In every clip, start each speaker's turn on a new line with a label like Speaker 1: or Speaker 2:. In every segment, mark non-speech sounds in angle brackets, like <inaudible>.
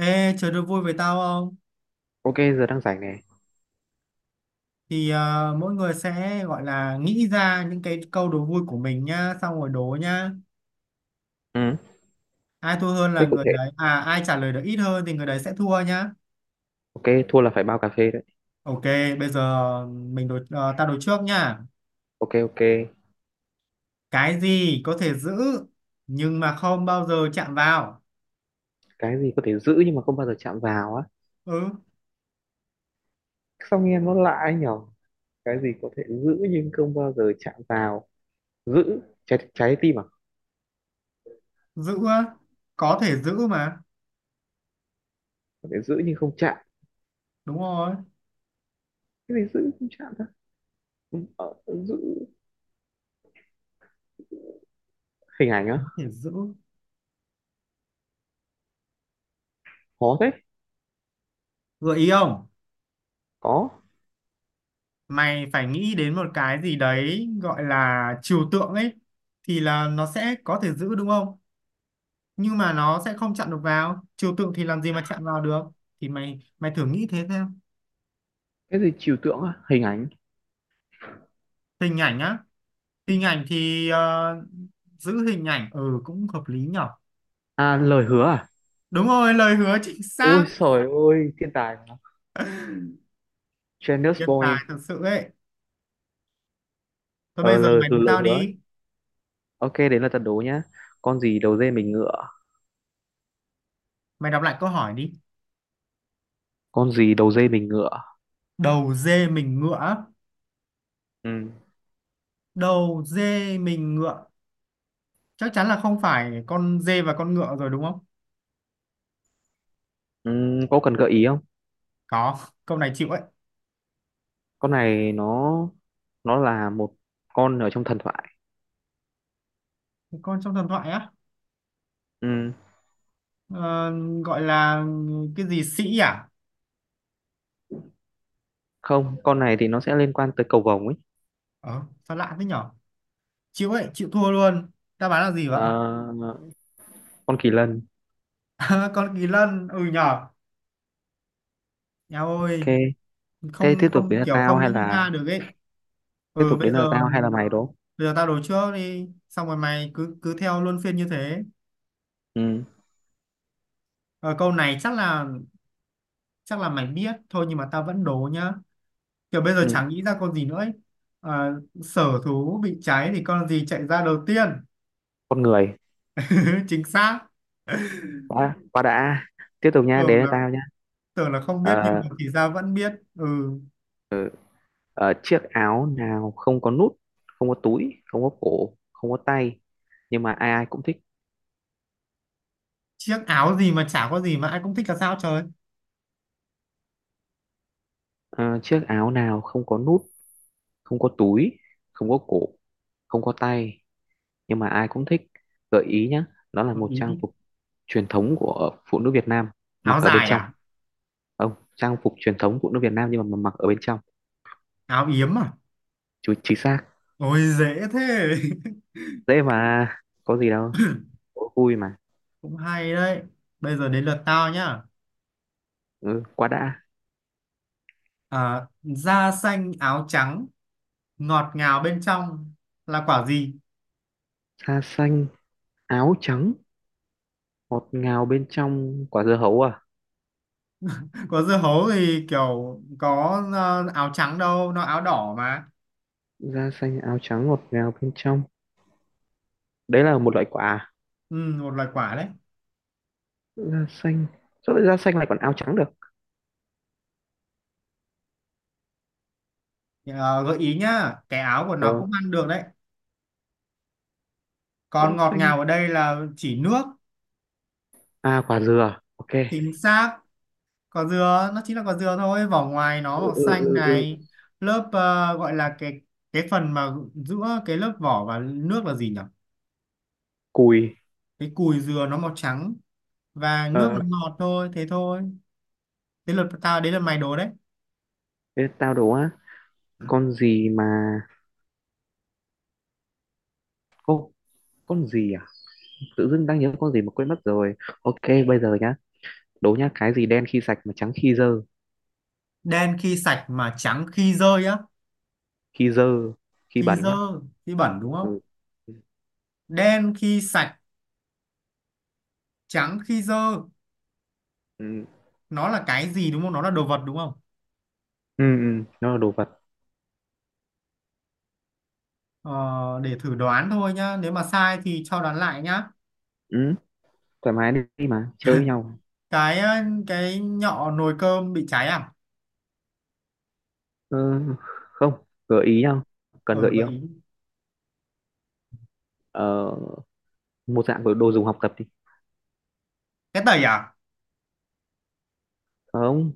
Speaker 1: Ê, chơi đố vui với tao không?
Speaker 2: Ok, giờ đang rảnh này.
Speaker 1: Thì à, mỗi người sẽ gọi là nghĩ ra những cái câu đố vui của mình nhá, xong rồi đố nhá.
Speaker 2: Ừ.
Speaker 1: Ai thua hơn
Speaker 2: Thế
Speaker 1: là
Speaker 2: cụ
Speaker 1: người
Speaker 2: thể.
Speaker 1: đấy, à ai trả lời được ít hơn thì người đấy sẽ thua nhá.
Speaker 2: Ok, thua là phải bao cà phê đấy.
Speaker 1: Ok, bây giờ mình đố, tao đố trước nhá.
Speaker 2: Ok ok.
Speaker 1: Cái gì có thể giữ nhưng mà không bao giờ chạm vào?
Speaker 2: Cái gì có thể giữ nhưng mà không bao giờ chạm vào á.
Speaker 1: Ừ,
Speaker 2: Sao nghe nó lạ ấy nhở? Cái gì có thể giữ nhưng không bao giờ chạm vào. Giữ trái trái tim à?
Speaker 1: giữ á, có thể giữ mà,
Speaker 2: Có thể giữ nhưng không chạm.
Speaker 1: đúng rồi,
Speaker 2: Cái gì giữ không chạm ta? Ừ, giữ hình ảnh á?
Speaker 1: có thể giữ.
Speaker 2: Khó thế.
Speaker 1: Gợi ý không?
Speaker 2: Có.
Speaker 1: Mày phải nghĩ đến một cái gì đấy gọi là trừu tượng ấy, thì là nó sẽ có thể giữ đúng không, nhưng mà nó sẽ không chặn được vào, trừu tượng thì làm gì mà chặn vào được. Thì mày mày thử nghĩ thế xem.
Speaker 2: Cái gì trừu tượng á? Hình ảnh.
Speaker 1: Hình ảnh á, hình ảnh thì giữ hình ảnh, ừ cũng hợp lý nhở.
Speaker 2: À, lời hứa à?
Speaker 1: Đúng rồi, lời hứa, chính
Speaker 2: Ôi
Speaker 1: xác.
Speaker 2: trời ơi, thiên tài mà. Genius
Speaker 1: Nhân tài
Speaker 2: boy.
Speaker 1: thật sự ấy. Thôi bây
Speaker 2: Ờ
Speaker 1: giờ
Speaker 2: lời
Speaker 1: mày đứng
Speaker 2: lời
Speaker 1: tao
Speaker 2: hứa.
Speaker 1: đi.
Speaker 2: Ok, đến là trận đố nhá. Con gì đầu dê mình ngựa?
Speaker 1: Mày đọc lại câu hỏi đi.
Speaker 2: Con gì đầu dê mình ngựa.
Speaker 1: Đầu dê mình ngựa á.
Speaker 2: Ừ.
Speaker 1: Đầu dê mình ngựa, chắc chắn là không phải con dê và con ngựa rồi đúng không.
Speaker 2: Ừ, có cần gợi ý không?
Speaker 1: Có, câu này chịu ấy.
Speaker 2: Con này nó là một con ở trong thần thoại.
Speaker 1: Con trong thần thoại á.
Speaker 2: Ừ.
Speaker 1: Ờ, gọi là cái gì sĩ à.
Speaker 2: Không, con này thì nó sẽ liên quan tới cầu vồng ấy.
Speaker 1: ờ Sao lạ thế nhở. Chịu ấy, chịu thua luôn. Đáp án là gì vậy.
Speaker 2: Ờ, con kỳ lân.
Speaker 1: <laughs> Con kỳ lân, ừ nhở. Eo
Speaker 2: Ok,
Speaker 1: ơi.
Speaker 2: thế
Speaker 1: Không, không, kiểu không nghĩ ra được ấy.
Speaker 2: tiếp
Speaker 1: Ừ,
Speaker 2: tục
Speaker 1: bây
Speaker 2: đến là
Speaker 1: giờ
Speaker 2: tao hay là mày đúng không?
Speaker 1: bây giờ tao đố trước đi, xong rồi mày cứ cứ theo luân phiên như thế.
Speaker 2: Ừ.
Speaker 1: Ờ, câu này chắc là mày biết thôi, nhưng mà tao vẫn đố nhá. Kiểu bây giờ
Speaker 2: Ừ.
Speaker 1: chẳng nghĩ ra con gì nữa ấy. Sở thú bị cháy thì con gì chạy ra đầu tiên.
Speaker 2: Con người.
Speaker 1: <laughs> Chính xác.
Speaker 2: Quá quá đã. Tiếp tục nha, đến
Speaker 1: tưởng
Speaker 2: là
Speaker 1: là
Speaker 2: tao nha.
Speaker 1: tưởng là không biết nhưng
Speaker 2: Ờ,
Speaker 1: mà thì ra vẫn biết, ừ.
Speaker 2: ờ, chiếc áo nào không có nút, không có túi, không có cổ, không có tay nhưng mà ai ai cũng thích.
Speaker 1: Chiếc áo gì mà chả có gì mà ai cũng thích là sao trời.
Speaker 2: Ờ, chiếc áo nào không có nút, không có túi, không có cổ, không có tay nhưng mà ai cũng thích. Gợi ý nhé, đó là
Speaker 1: Gợi
Speaker 2: một
Speaker 1: ý
Speaker 2: trang
Speaker 1: đi.
Speaker 2: phục truyền thống của phụ nữ Việt Nam, mặc
Speaker 1: Áo
Speaker 2: ở bên
Speaker 1: dài
Speaker 2: trong.
Speaker 1: à?
Speaker 2: Không, trang phục truyền thống phụ nữ Việt Nam nhưng mà mặc ở bên trong.
Speaker 1: Áo yếm à?
Speaker 2: Chú, chính xác.
Speaker 1: Ôi dễ thế.
Speaker 2: Dễ mà, có gì đâu. Đố vui mà.
Speaker 1: <laughs> Cũng hay đấy. Bây giờ đến lượt tao nhá.
Speaker 2: Ừ, quá đã.
Speaker 1: À, da xanh áo trắng, ngọt ngào bên trong, là quả gì?
Speaker 2: Da xanh, áo trắng, ngọt ngào bên trong, quả dưa hấu à?
Speaker 1: <laughs> Có dưa hấu thì kiểu có áo trắng đâu, nó áo đỏ mà.
Speaker 2: Da xanh, áo trắng, ngọt ngào bên trong. Đấy là một loại quả à?
Speaker 1: Ừ, một loài quả đấy.
Speaker 2: Da xanh. Sao lại da xanh lại còn áo trắng được?
Speaker 1: Ờ, gợi ý nhá, cái áo của nó
Speaker 2: Ờ,
Speaker 1: cũng ăn được đấy. Còn
Speaker 2: da
Speaker 1: ngọt
Speaker 2: xanh.
Speaker 1: ngào ở đây là chỉ nước.
Speaker 2: À, quả dừa, ok.
Speaker 1: Chính xác. Quả dừa nó chính là quả dừa thôi, vỏ ngoài nó
Speaker 2: Ừ,
Speaker 1: màu
Speaker 2: ừ,
Speaker 1: xanh
Speaker 2: ừ, ừ.
Speaker 1: này. Lớp gọi là cái phần mà giữa cái lớp vỏ và nước là gì nhỉ.
Speaker 2: Cùi.
Speaker 1: Cái cùi dừa nó màu trắng, và nước nó
Speaker 2: Ờ,
Speaker 1: ngọt thôi, thế thôi. Thế lượt tao đấy, là mày đố đấy.
Speaker 2: thế tao đố á, con gì mà... Ô, con gì à? Tự dưng đang nhớ con gì mà quên mất rồi. Ok, bây giờ nhá. Đố nhá, cái gì đen khi sạch mà trắng khi dơ.
Speaker 1: Đen khi sạch mà trắng khi rơi á.
Speaker 2: Khi dơ, khi
Speaker 1: Khi
Speaker 2: bẩn
Speaker 1: dơ,
Speaker 2: đấy.
Speaker 1: khi bẩn đúng không.
Speaker 2: Ừ. Ừ,
Speaker 1: Đen khi sạch, trắng khi dơ.
Speaker 2: ừ,
Speaker 1: Nó là cái gì đúng không, nó là đồ vật đúng không.
Speaker 2: ừ, ừ, nó là đồ vật.
Speaker 1: Ờ, để thử đoán thôi nhá, nếu mà sai thì cho đoán lại nhá.
Speaker 2: Ừ, thoải mái đi mà, chơi với nhau.
Speaker 1: Cái ờ, cái nhọ nồi cơm bị cháy à?
Speaker 2: Ừ, không, gợi ý nhau. Cần
Speaker 1: Ờ
Speaker 2: gợi ý không?
Speaker 1: vậy.
Speaker 2: Ờ, một dạng của đồ dùng học tập đi.
Speaker 1: Cái tẩy à?
Speaker 2: Không,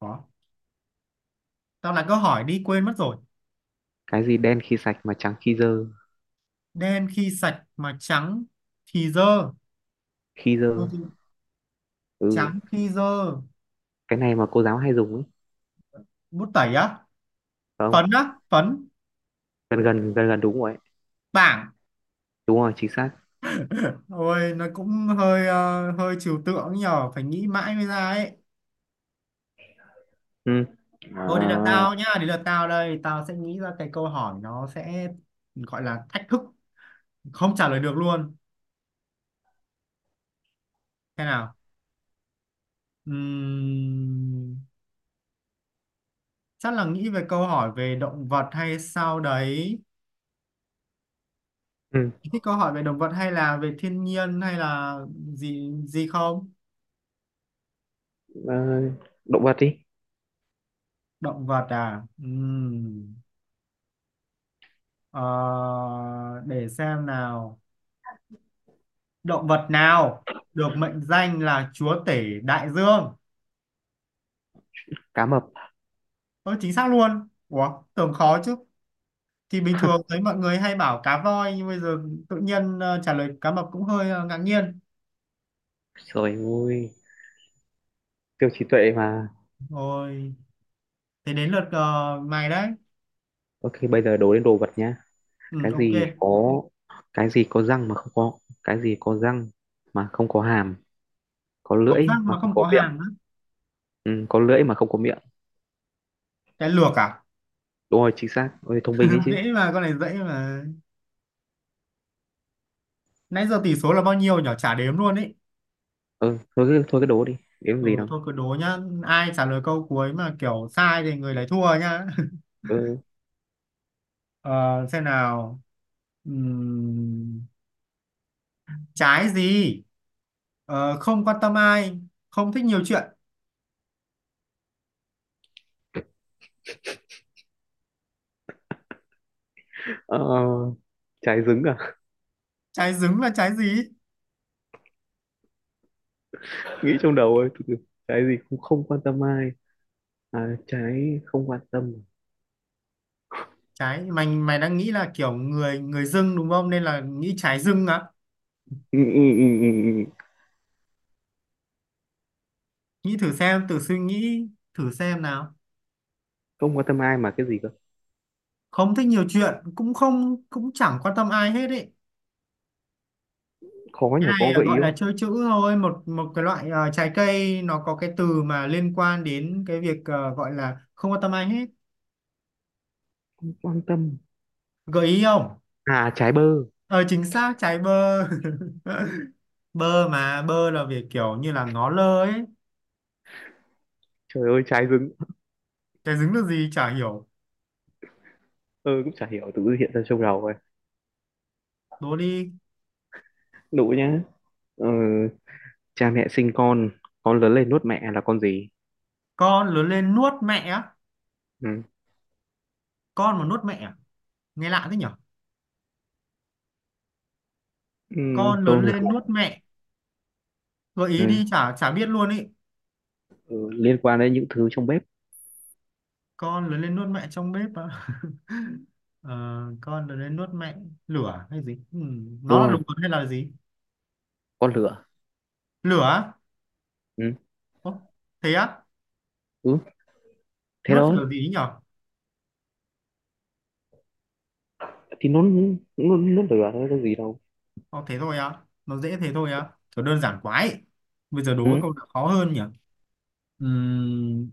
Speaker 1: Có. Tao lại có hỏi đi quên mất rồi.
Speaker 2: cái gì đen khi sạch mà trắng khi dơ.
Speaker 1: Đen khi sạch mà trắng thì dơ.
Speaker 2: Khi
Speaker 1: Ờ,
Speaker 2: dơ,
Speaker 1: thì
Speaker 2: ừ.
Speaker 1: Trắng khi dơ.
Speaker 2: Cái này mà cô giáo hay dùng ấy
Speaker 1: Bút tẩy á?
Speaker 2: phải không?
Speaker 1: Phấn á? Phấn.
Speaker 2: Gần gần gần gần đúng rồi ấy.
Speaker 1: Bảng.
Speaker 2: Đúng rồi, chính xác.
Speaker 1: Ôi nó cũng hơi trừu tượng nhờ. Phải nghĩ mãi mới ra ấy.
Speaker 2: Ừ. À.
Speaker 1: Thôi đấy là tao nhá. Đấy là tao đây. Tao sẽ nghĩ ra cái câu hỏi nó sẽ gọi là thách thức. Không trả lời được luôn. Thế nào? Ừm, chắc là nghĩ về câu hỏi về động vật hay sao đấy.
Speaker 2: Ừ.
Speaker 1: Thích câu hỏi về động vật hay là về thiên nhiên hay là gì gì không?
Speaker 2: ờ, Động vật đi.
Speaker 1: Động vật à? Ờ, để xem nào. Động vật nào được mệnh danh là chúa tể đại dương?
Speaker 2: Cá mập.
Speaker 1: Ơ chính xác luôn. Ủa, tưởng khó chứ. Thì bình thường thấy mọi người hay bảo cá voi, nhưng bây giờ tự nhiên trả lời cá mập cũng hơi ngạc nhiên.
Speaker 2: Rồi, ôi siêu trí tuệ mà.
Speaker 1: Rồi, thế đến lượt mày đấy.
Speaker 2: Ok, bây giờ đố đến đồ vật nhá.
Speaker 1: Ừ,
Speaker 2: cái
Speaker 1: ok.
Speaker 2: gì có cái gì có răng mà không có cái gì có răng mà không có hàm, có
Speaker 1: Có
Speaker 2: lưỡi
Speaker 1: răng
Speaker 2: mà
Speaker 1: mà
Speaker 2: không
Speaker 1: không
Speaker 2: có
Speaker 1: có hàm
Speaker 2: miệng.
Speaker 1: á.
Speaker 2: Ừ, có lưỡi mà không có miệng.
Speaker 1: Cái lược à?
Speaker 2: Đúng rồi, chính xác, ôi thông minh đấy
Speaker 1: <laughs>
Speaker 2: chứ.
Speaker 1: Dễ mà, con này dễ mà. Nãy giờ tỷ số là bao nhiêu nhỉ? Chả đếm luôn ý.
Speaker 2: Ừ, thôi cứ đố đi, kiếm gì
Speaker 1: Ừ
Speaker 2: đâu.
Speaker 1: thôi cứ đố nhá. Ai trả lời câu cuối mà kiểu sai thì người đấy thua nhá. <laughs>
Speaker 2: Ừ.
Speaker 1: Ờ, xem nào. Ừm, trái gì? Không quan tâm ai, không thích nhiều chuyện.
Speaker 2: ờ, Trái trứng à?
Speaker 1: Trái dứng là trái gì?
Speaker 2: <laughs> Nghĩ trong đầu ơi, từ từ. Cái gì cũng không quan tâm ai. À, trái không quan tâm.
Speaker 1: Trái mày mày đang nghĩ là kiểu người người dưng đúng không? Nên là nghĩ trái dưng á.
Speaker 2: Ừ, ừ, ừ, ừ, ừ.
Speaker 1: Nghĩ thử xem, thử suy nghĩ thử xem nào.
Speaker 2: Không quan tâm ai mà cái gì cơ?
Speaker 1: Không thích nhiều chuyện, cũng không, cũng chẳng quan tâm ai hết ý.
Speaker 2: Khó
Speaker 1: Cái
Speaker 2: nhỉ, có
Speaker 1: này là
Speaker 2: gợi ý
Speaker 1: gọi
Speaker 2: không?
Speaker 1: là chơi chữ thôi, một một cái loại trái cây nó có cái từ mà liên quan đến cái việc gọi là không quan tâm ai hết.
Speaker 2: Không quan tâm.
Speaker 1: Gợi ý không?
Speaker 2: À, trái bơ.
Speaker 1: Ờ chính xác, trái bơ. <laughs> Bơ mà, bơ là việc kiểu như là ngó lơ ấy.
Speaker 2: Trời ơi, trái dứng.
Speaker 1: Cái dính được gì chả hiểu.
Speaker 2: Ừ, cũng chả hiểu, tự hiện ra trong đầu rồi.
Speaker 1: Đố đi.
Speaker 2: Đủ nhá. Ừ, cha mẹ sinh con lớn lên nuốt mẹ là con gì.
Speaker 1: Con lớn lên nuốt mẹ á.
Speaker 2: Ừ.
Speaker 1: Con mà nuốt mẹ à? Nghe lạ thế nhở.
Speaker 2: Ừ,
Speaker 1: Con
Speaker 2: câu
Speaker 1: lớn
Speaker 2: này
Speaker 1: lên nuốt
Speaker 2: khổ.
Speaker 1: mẹ. Gợi ý
Speaker 2: Ừ.
Speaker 1: đi, chả chả biết luôn ý.
Speaker 2: Ừ, liên quan đến những thứ trong bếp.
Speaker 1: Con lớn lên nuốt mẹ trong bếp á. Ờ, con lớn lên nuốt mẹ, lửa hay gì nó
Speaker 2: Đúng
Speaker 1: là đồ
Speaker 2: rồi,
Speaker 1: vật hay là gì.
Speaker 2: con lửa.
Speaker 1: Lửa.
Speaker 2: Ừ.
Speaker 1: Ồ, thế á.
Speaker 2: Ừ. Thế
Speaker 1: Nuốt
Speaker 2: đó.
Speaker 1: lửa gì ấy nhở.
Speaker 2: Thì nó lửa thôi, có gì đâu.
Speaker 1: Ồ, thế thôi á, nó dễ thế thôi á, kiểu đơn giản quá ấy. Bây giờ đố cái
Speaker 2: Ừ.
Speaker 1: câu nào khó hơn nhỉ. Ừm,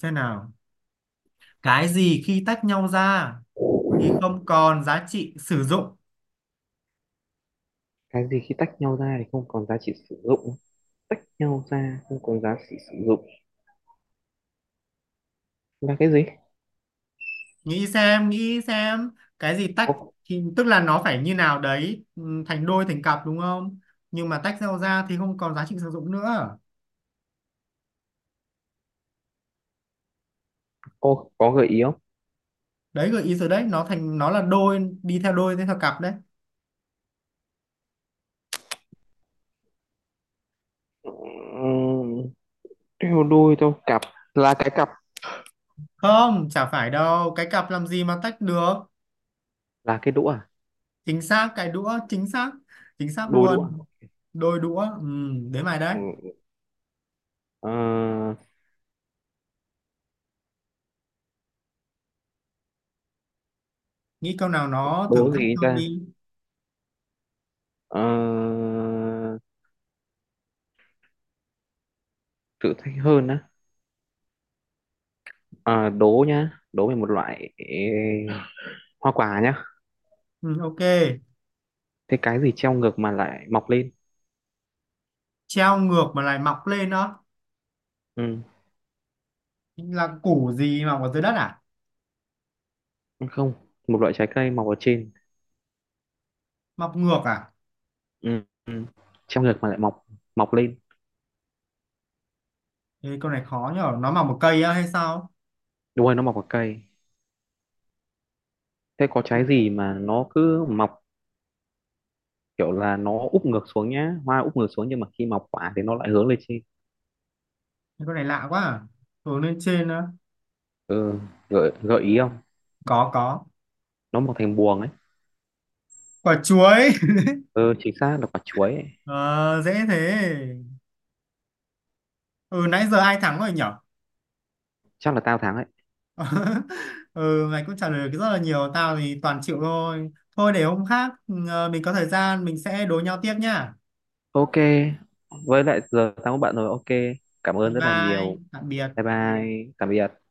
Speaker 1: xem nào. Cái gì khi tách nhau ra thì không còn giá trị sử dụng.
Speaker 2: Cái gì khi tách nhau ra thì không còn giá trị sử dụng. Nhau ra không có giá trị sử dụng là cái gì?
Speaker 1: Nghĩ xem, nghĩ xem. Cái gì tách
Speaker 2: Có.
Speaker 1: thì tức là nó phải như nào đấy, thành đôi thành cặp đúng không. Nhưng mà tách nhau ra thì không còn giá trị sử dụng nữa.
Speaker 2: Có gợi ý không?
Speaker 1: Đấy gợi ý rồi đấy, nó thành nó là đôi, đi theo đôi đi theo cặp đấy.
Speaker 2: Ừm, theo đôi theo cặp. Là cái cặp.
Speaker 1: Không, chả phải đâu, cái cặp làm gì mà tách được.
Speaker 2: Là cái đũa à?
Speaker 1: Chính xác, cái đũa, chính xác. Chính xác
Speaker 2: Đôi đũa à?
Speaker 1: luôn. Đôi đũa, ừ, đến mày đấy.
Speaker 2: Ừ, ờ,
Speaker 1: Nghĩ câu nào nó thử
Speaker 2: đố
Speaker 1: thách
Speaker 2: gì
Speaker 1: hơn
Speaker 2: ta.
Speaker 1: đi.
Speaker 2: Ờ, thử thách hơn á. À, đố nhá, đố về một loại hoa quả nhá.
Speaker 1: Ừ, ok.
Speaker 2: Thế cái gì treo ngược mà lại mọc lên?
Speaker 1: Treo ngược mà lại mọc lên đó.
Speaker 2: Ừ.
Speaker 1: Là củ gì mọc ở dưới đất à?
Speaker 2: Không, một loại trái cây mọc ở trên.
Speaker 1: Mọc ngược à?
Speaker 2: Ừ. Ừ. Treo ngược mà lại mọc, mọc lên.
Speaker 1: Ê, câu này khó nhở, nó mọc một cây á hay sao.
Speaker 2: Đúng rồi, nó mọc ở cây. Thế có trái gì mà nó cứ mọc kiểu là nó úp ngược xuống nhá, hoa úp ngược xuống nhưng mà khi mọc quả thì nó lại hướng lên trên.
Speaker 1: Câu này lạ quá à. Hướng lên trên á.
Speaker 2: Ừ, gợi gợi ý không?
Speaker 1: Có, có.
Speaker 2: Nó mọc thành buồng ấy.
Speaker 1: Quả chuối. <laughs>
Speaker 2: Ừ, chính xác là quả chuối ấy.
Speaker 1: Ờ, dễ thế. Ừ nãy giờ ai thắng rồi nhở.
Speaker 2: Chắc là tao thắng ấy.
Speaker 1: <laughs> Ừ mày cũng trả lời được rất là nhiều, tao thì toàn chịu thôi. Thôi để hôm khác, mình có thời gian mình sẽ đối nhau tiếp nhá.
Speaker 2: Ok, với lại giờ tao có bạn rồi. Ok, cảm
Speaker 1: Bye
Speaker 2: ơn rất là
Speaker 1: bye,
Speaker 2: nhiều.
Speaker 1: tạm
Speaker 2: Bye
Speaker 1: biệt.
Speaker 2: bye, tạm biệt.